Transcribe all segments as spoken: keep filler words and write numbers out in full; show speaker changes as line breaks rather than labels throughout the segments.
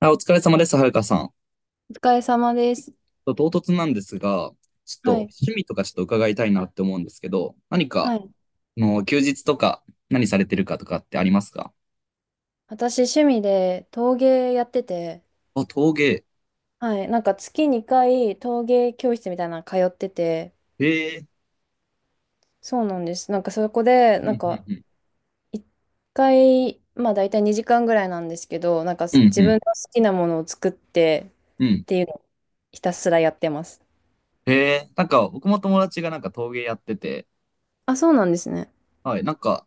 あ、お疲れ様です、はるかさん。
お疲れ様です。
と唐突なんですが、ちょっと
はい。
趣味とかちょっと伺いたいなって思うんですけど、何か、
はい。
あの休日とか何されてるかとかってありますか？
私、趣味で陶芸やってて、
あ、陶芸。
はい。なんか月にかい陶芸教室みたいなの通ってて、
へえ。
そうなんです。なんかそこで、
うん、
な
う
ん
ん、
か
うん。
いっかい、まあ大体にじかんぐらいなんですけど、なんか
うん、
自分
う
の好きなものを作って
ん、う
っ
ん。
ていうのをひたすらやってます。
へえ。なんか、僕も友達がなんか陶芸やってて、
あ、そうなんですね。
はい、なんか、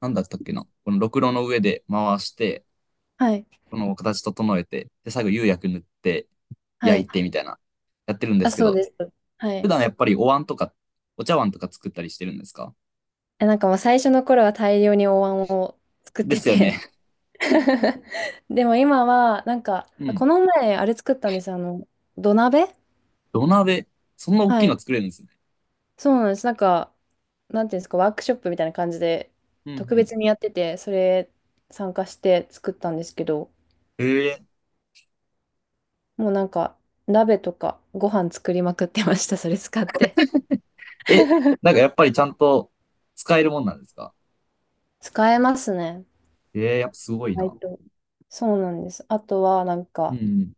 なんだったっけな。このろくろの上で回して、
はい。
この形整えて、で、最後釉薬塗って
は
焼い
い。
てみたいな、やってるんで
あ、
すけ
そう
ど、
です。は
普
い。
段やっぱりお椀とか、お茶碗とか作ったりしてるんですか？
え、なんかもう最初の頃は大量にお椀を作っ
で
て
すよね。
て。 でも今は、なんか、
う
あ
ん。
この前、あれ作ったんです。あの、土鍋。
土鍋。そんな大き
は
い
い。
の作れるんですね。
そうなんです。なんか、なんていうんですか、ワークショップみたいな感じで、
うんう
特
ん。
別にやってて、それ参加して作ったんですけど、
へえ。
もうなんか、鍋とかご飯作りまくってました。それ使って。
え、なんかやっぱりちゃんと使えるもんなんですか？
使えますね。
ええ、やっぱすごい
意外
な。
とそうなんです。あとは、なん
う
か、
ん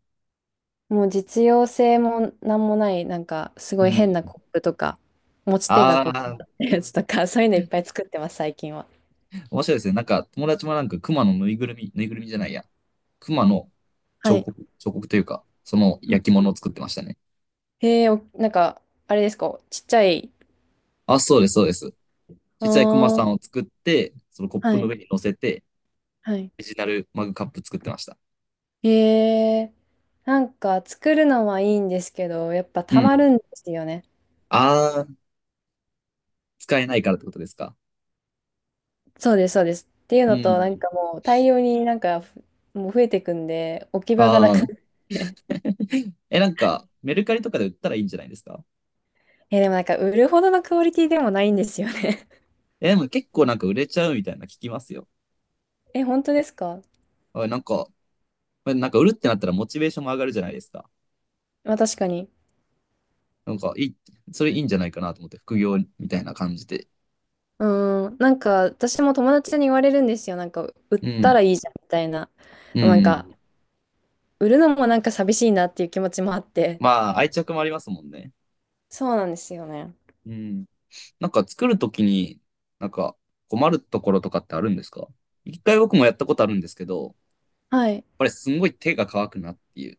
もう実用性もなんもない、なんかす
うん。
ごい
う
変な
ん。
コップとか、持ち手が
あ
こ
あ、
う、やつとか、そういうのいっぱい作ってます、最近は。
面白いですね。なんか友達もなんか熊のぬいぐるみ、ぬいぐるみじゃないや。熊の
は
彫
い。
刻、彫刻というか、その
うん、
焼き
う
物を
ん。
作ってましたね。
へえ、お、なんか、あれですか、ちっちゃい。
あ、そうです、そうです。
あ
小さい熊さん
あ、
を作って、そのコッ
は
プの
い、
上に乗せて、
はい。
オリジナルマグカップ作ってました。
へえ、なんか作るのはいいんですけど、やっぱ
う
たま
ん。
るんですよね。
ああ、使えないからってことですか？
そうです、そうです。っていう
う
のと、なん
ん。
かもう大量になんかふ、もう増えてくんで、置き
あ
場がなくなっ
あ、
て。
え、なんか、メルカリとかで売ったらいいんじゃないですか？
え、でもなんか売るほどのクオリティでもないんですよね。
え、でも結構なんか売れちゃうみたいな聞きますよ。
え、本当ですか？
あなんか、なんか売るってなったらモチベーションも上がるじゃないですか。
まあ確かに。
なんか、いい、それいいんじゃないかなと思って、副業みたいな感じで。
うーん、なんか私も友達に言われるんですよ。なんか売っ
う
た
ん。
らいいじゃんみたいな。
う
なんか
ん。
売るのもなんか寂しいなっていう気持ちもあって。
まあ、愛着もありますもんね。
そうなんですよね。
うん。なんか作るときに、なんか困るところとかってあるんですか？一回僕もやったことあるんですけど、やっ
はい。
ぱりすんごい手が乾くなっていう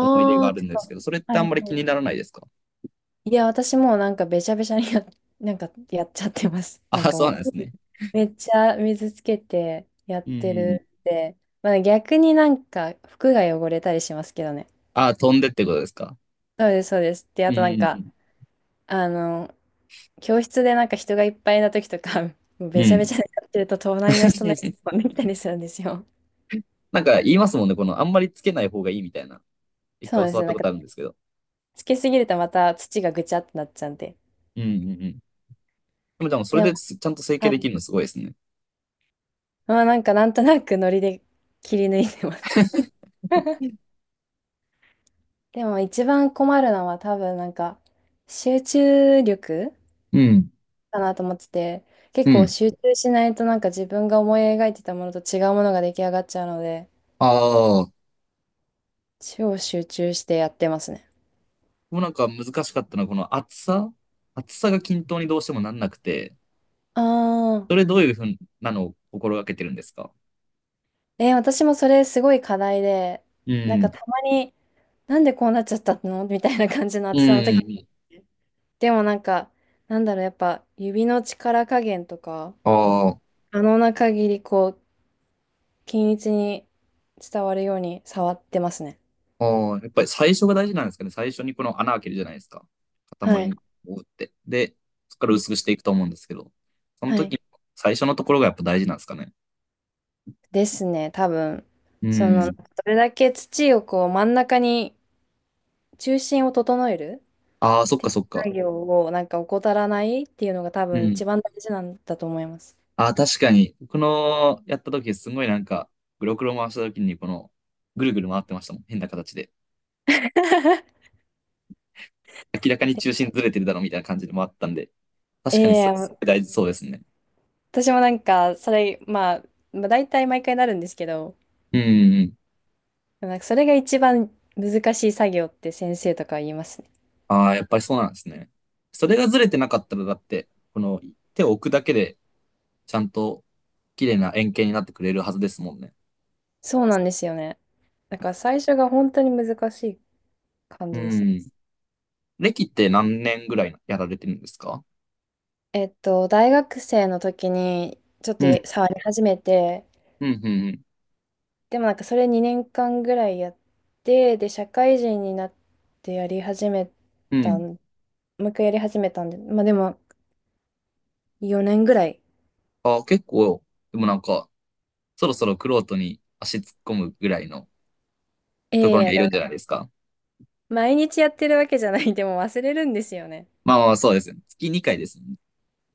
思い出があ
あ、
る
て
んです
か、
けど、それって
はい
あんまり気
は
に
い。
ならないですか？
いや、私もうなんかべちゃべちゃにや、なんかやっちゃってます。なん
あ、
か
そ
も
うな
う、
んですね。
めっちゃ水つけてやっ
う
て
ん。
るって。まあね、逆になんか服が汚れたりしますけどね。
あ、飛んでってことですか？
そうです、そうです。で、
う
あとなんか、
ん。
あの、教室でなんか人がいっぱいな時とか、もう
う
べちゃべ
ん。
ちゃになってると隣の人のやつ 飛んできたりするんですよ。
なんか言いますもんね、この、あんまりつけない方がいいみたいな。一
そう
回
で
教
す
わっ
ね。な
た
ん
こ
か
とあるんですけど。
つけすぎるとまた土がぐちゃってなっちゃうんで。
うんうんうん。でもでもそれ
でも、
ですちゃんと整形
は
でき
い。
るのすごいですね。
まあなんかなんとなくノリで切り抜いてます。でも一番困るのは多分なんか集中力
うん。
かなと思ってて、
う
結構
ん。
集中しないとなんか自分が思い描いてたものと違うものが出来上がっちゃうので、
ああ。
超集中してやってますね。
もうなんか難しかったのは、この厚さ厚さが均等にどうしてもなんなくて、
ああ。
それどういうふうなのを心がけてるんですか？
えー私もそれすごい課題で、
う
なんか
ん。
たまに、なんでこうなっちゃったの みたいな感じの
う
暑さの時。
ん。
でもなんか、なんだろう、やっぱ指の力加減とか、
ああ。
可能な限りこう、均一に伝わるように触ってますね。
ああ、やっぱり最初が大事なんですかね？最初にこの穴開けるじゃないですか。塊
は
に
い。
打って。で、そこか
う
ら
ん、
薄くしていくと思うんですけど、その
はい。
時、最初のところがやっぱ大事なんですかね？
ですね、多分。
う
その、ど
ん。
れだけ土をこう、真ん中に、中心を整える
ああ、そ
っ
っ
て
か
い
そ
う
っか。
作業をなんか怠らないっていうのが多
う
分
ん。
一番大事なんだと思います。
ああ、確かに。この、やった時すごいなんか、グロクロ回した時にこの、ぐるぐる回ってましたもん。変な形で。明らかに中心ずれてるだろうみたいな感じで回ったんで。確かにそれす
ええ、
ごい大事そうですね。
私もなんか、それ、まあ、まあ、大体毎回なるんですけど、
うんうんうん。
なんかそれが一番難しい作業って先生とかは言いますね。
ああ、やっぱりそうなんですね。それがずれてなかったら、だって、この手を置くだけでちゃんと綺麗な円形になってくれるはずですもんね。
そうなんですよね。なんか最初が本当に難しい感
う
じですね。
ん。歴って何年ぐらいやられてるんですか？
えっと、大学生の時にちょっと
うん、
触り始めて、
うん、うん。
でもなんかそれにねんかんぐらいやって、で、社会人になってやり始め
うん。う
たん、
ん
もう一回やり始めたんで、まあでもよねんぐらい。
あ、結構、でもなんか、そろそろクロートに足突っ込むぐらいの
え
ところに
え、
はい
で
る
も
んじゃないですか？
毎日やってるわけじゃない、でも忘れるんですよね。
まあまあ、そうですね。月にかいですもんね。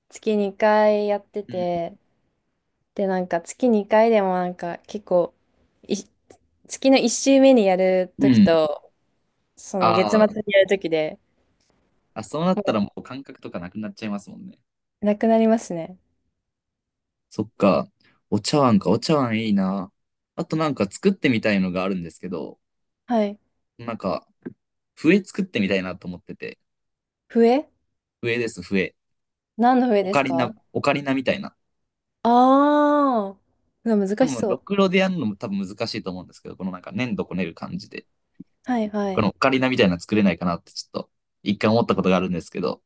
月にかいやって
うん。
て、で、なんか月にかいでもなんか結構、い、月のいっ週目にやる
う
とき
ん
と、そ
あ
の月末
ー
にやるときで、
あ、そ
も
うなっ
う
た
なん
ら
か
もう感覚とかなくなっちゃいますもんね。
なくなりますね。
そっか。お茶碗か、お茶碗いいな。あとなんか作ってみたいのがあるんですけど、
はい。
なんか、笛作ってみたいなと思ってて。
笛。
笛です、笛。
何の笛
オ
で
カ
す
リ
か？
ナ、オカリナみたいな。
ああー、うわ難
多
し
分、ろ
そ
くろでやるのも多分難しいと思うんですけど、このなんか粘土こねる感じで、
う。はいは
こ
い。
のオカリナみたいなの作れないかなってちょっと、一回思ったことがあるんですけど、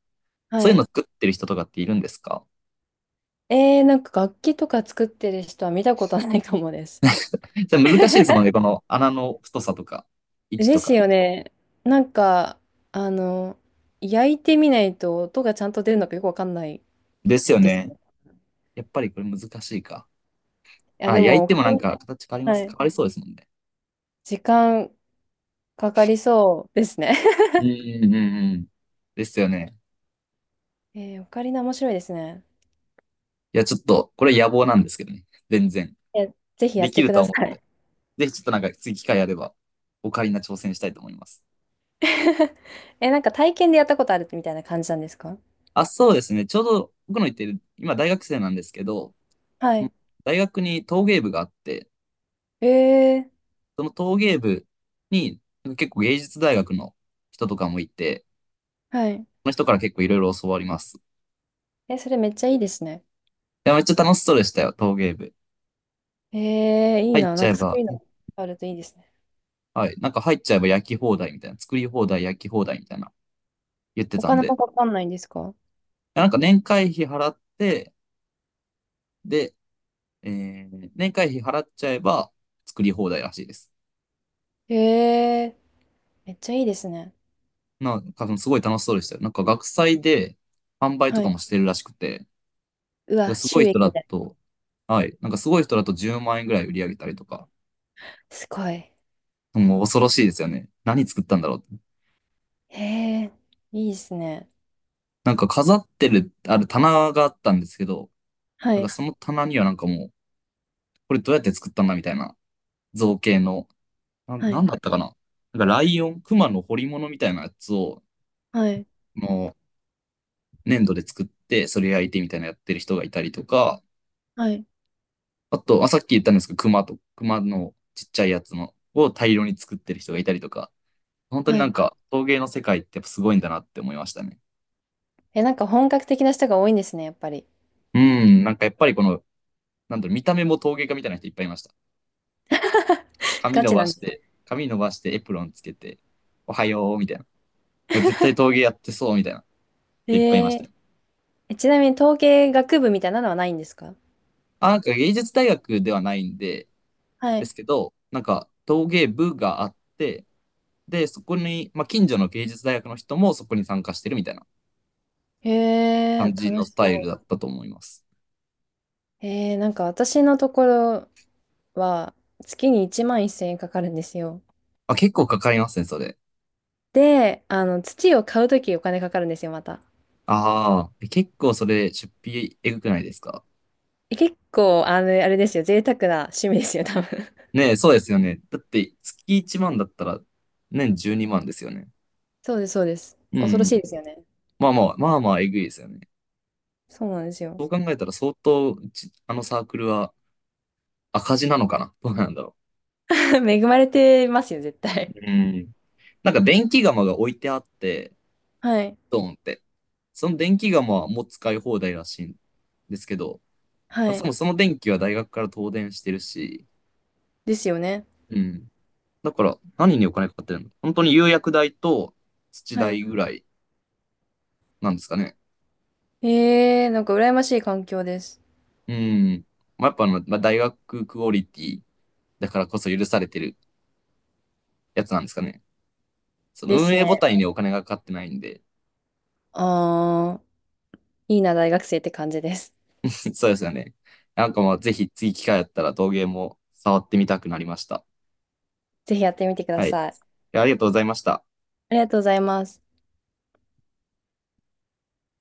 は
そういうの
い。
作ってる人とかっているんですか？
えー、なんか楽器とか作ってる人は見たことないかもです。
それ難しいですもんね、この穴の太さとか、位 置
で
と
す
か。
よね。なんか、あの、焼いてみないと音がちゃんと出るのかよくわかんない
ですよ
です。
ね。やっぱりこれ難しいか。
や、
あ、
で
焼い
も、オ
て
カ
もな
リ
んか形変わりま
ナ、は
す。変
い。
わりそうですもんね。
時間かかりそうですね。
うんうんうんうん。ですよね。
えー、オカリナ面白いですね。
いや、ちょっと、これ野望なんですけどね。全然。
え、ぜひや
で
っ
き
て
る
く
と
だ
は
さ
思ってな
い。
い。ぜひちょっとなんか次機会あれば、オカリナ挑戦したいと思います。
え、なんか体験でやったことあるみたいな感じなんですか？
あ、そうですね。ちょうど僕の言ってる、今大学生なんですけど、
は
うん
い。
大学に陶芸部があって、
えー、
その陶芸部に結構芸術大学の人とかもいて、
はい。
その人から結構いろいろ教わります。い
え、それめっちゃいいですね。
や、めっちゃ楽しそうでしたよ、陶芸部。
えー、いい
入っ
な。な
ちゃ
ん
え
かそう
ば、
いうのあるといいですね。
はい、なんか入っちゃえば焼き放題みたいな、作り放題、焼き放題みたいな言って
お
たん
金
で、い
もかかんないんですか？
やなんか年会費払って、で、えー年会費払っちゃえば作り放題らしいです。
えー、めっちゃいいですね。
なんか、すごい楽しそうでしたよ。なんか、学祭で販売と
は
か
い。
もしてるらしくて、だか
う
ら
わ、
すご
収
い人だ
益だ。
と、はい、なんかすごい人だとじゅうまん円ぐらい売り上げたりとか、
すごい。
もう恐ろしいですよね。何作ったんだろうって。
えー、いいですね。
なんか飾ってる、ある棚があったんですけど、
は
なんか
い。
その棚にはなんかもう、これどうやって作ったんだみたいな造形の、な、
は
なん
い。
だったかな。なんかライオン、熊の彫り物みたいなやつを、
はい。
もう粘土で作って、それ焼いてみたいなやってる人がいたりとか、
はい。
あと、あ、さっき言ったんですけど、熊と、熊のちっちゃいやつのを大量に作ってる人がいたりとか、本当に
は
なん
い。
か陶芸の世界ってやっぱすごいんだなって思いましたね。
え、なんか本格的な人が多いんですね、やっぱり。
うん、なんかやっぱりこの、なんだろう、見た目も陶芸家みたいな人いっぱいいました。髪
ガ
伸
チ
ば
なんで
して、
す。
髪伸ばしてエプロンつけて、おはよう、みたいな。絶対陶芸やってそう、みたいな。
え
いっぱいいました
ー、
よ。
えちなみに統計学部みたいなのはないんですか？
あ、なんか芸術大学ではないんで、
は
で
い。
すけど、なんか陶芸部があって、で、そこに、まあ、近所の芸術大学の人もそこに参加してるみたいな。
え
感
ー、
じ
楽
の
し
スタイル
そ
だ
う。
ったと思います。
えー、なんか私のところは月にいちまんせんえんかかるんですよ。
あ、結構かかりますね、それ。
で、あの、土を買うときお金かかるんですよ、また。
ああ、結構それ、出費えぐくないですか？
え結構、あの、あれですよ、贅沢な趣味ですよ、多分。
ねえ、そうですよね。だって、月いちまんだったら、年じゅうにまんですよね。
そうです、そうです。
う
恐ろし
ん。
いですよね。
まあまあ、まあまあ、えぐいですよね。
そうなんですよ。
そう考えたら、相当、うちあのサークルは赤字なのかなどうなんだろ
恵まれてますよ、絶対。
う。うん。なんか、電気釜が置いてあって、
はい。
ドーンって。その電気釜はもう使い放題らしいんですけど、ま
は
あ、そ
い。
もそも電気は大学から東電してるし、
ですよね。
うん。だから、何にお金かかってるの本当に釉薬代と土
はい。
代ぐらいなんですかね？
ええ、なんか羨ましい環境です。
うん。まあ、やっぱあの、まあ、大学クオリティだからこそ許されてるやつなんですかね？そ
で
の運
す
営
ね。
母体にお金がかかってないんで。
ああ、いいな、大学生って感じです。
そうですよね。なんかまあ、ぜひ次機会あったら陶芸も触ってみたくなりました。
ぜひやってみてくだ
はい。
さい。
ありがとうございました。
ありがとうございます。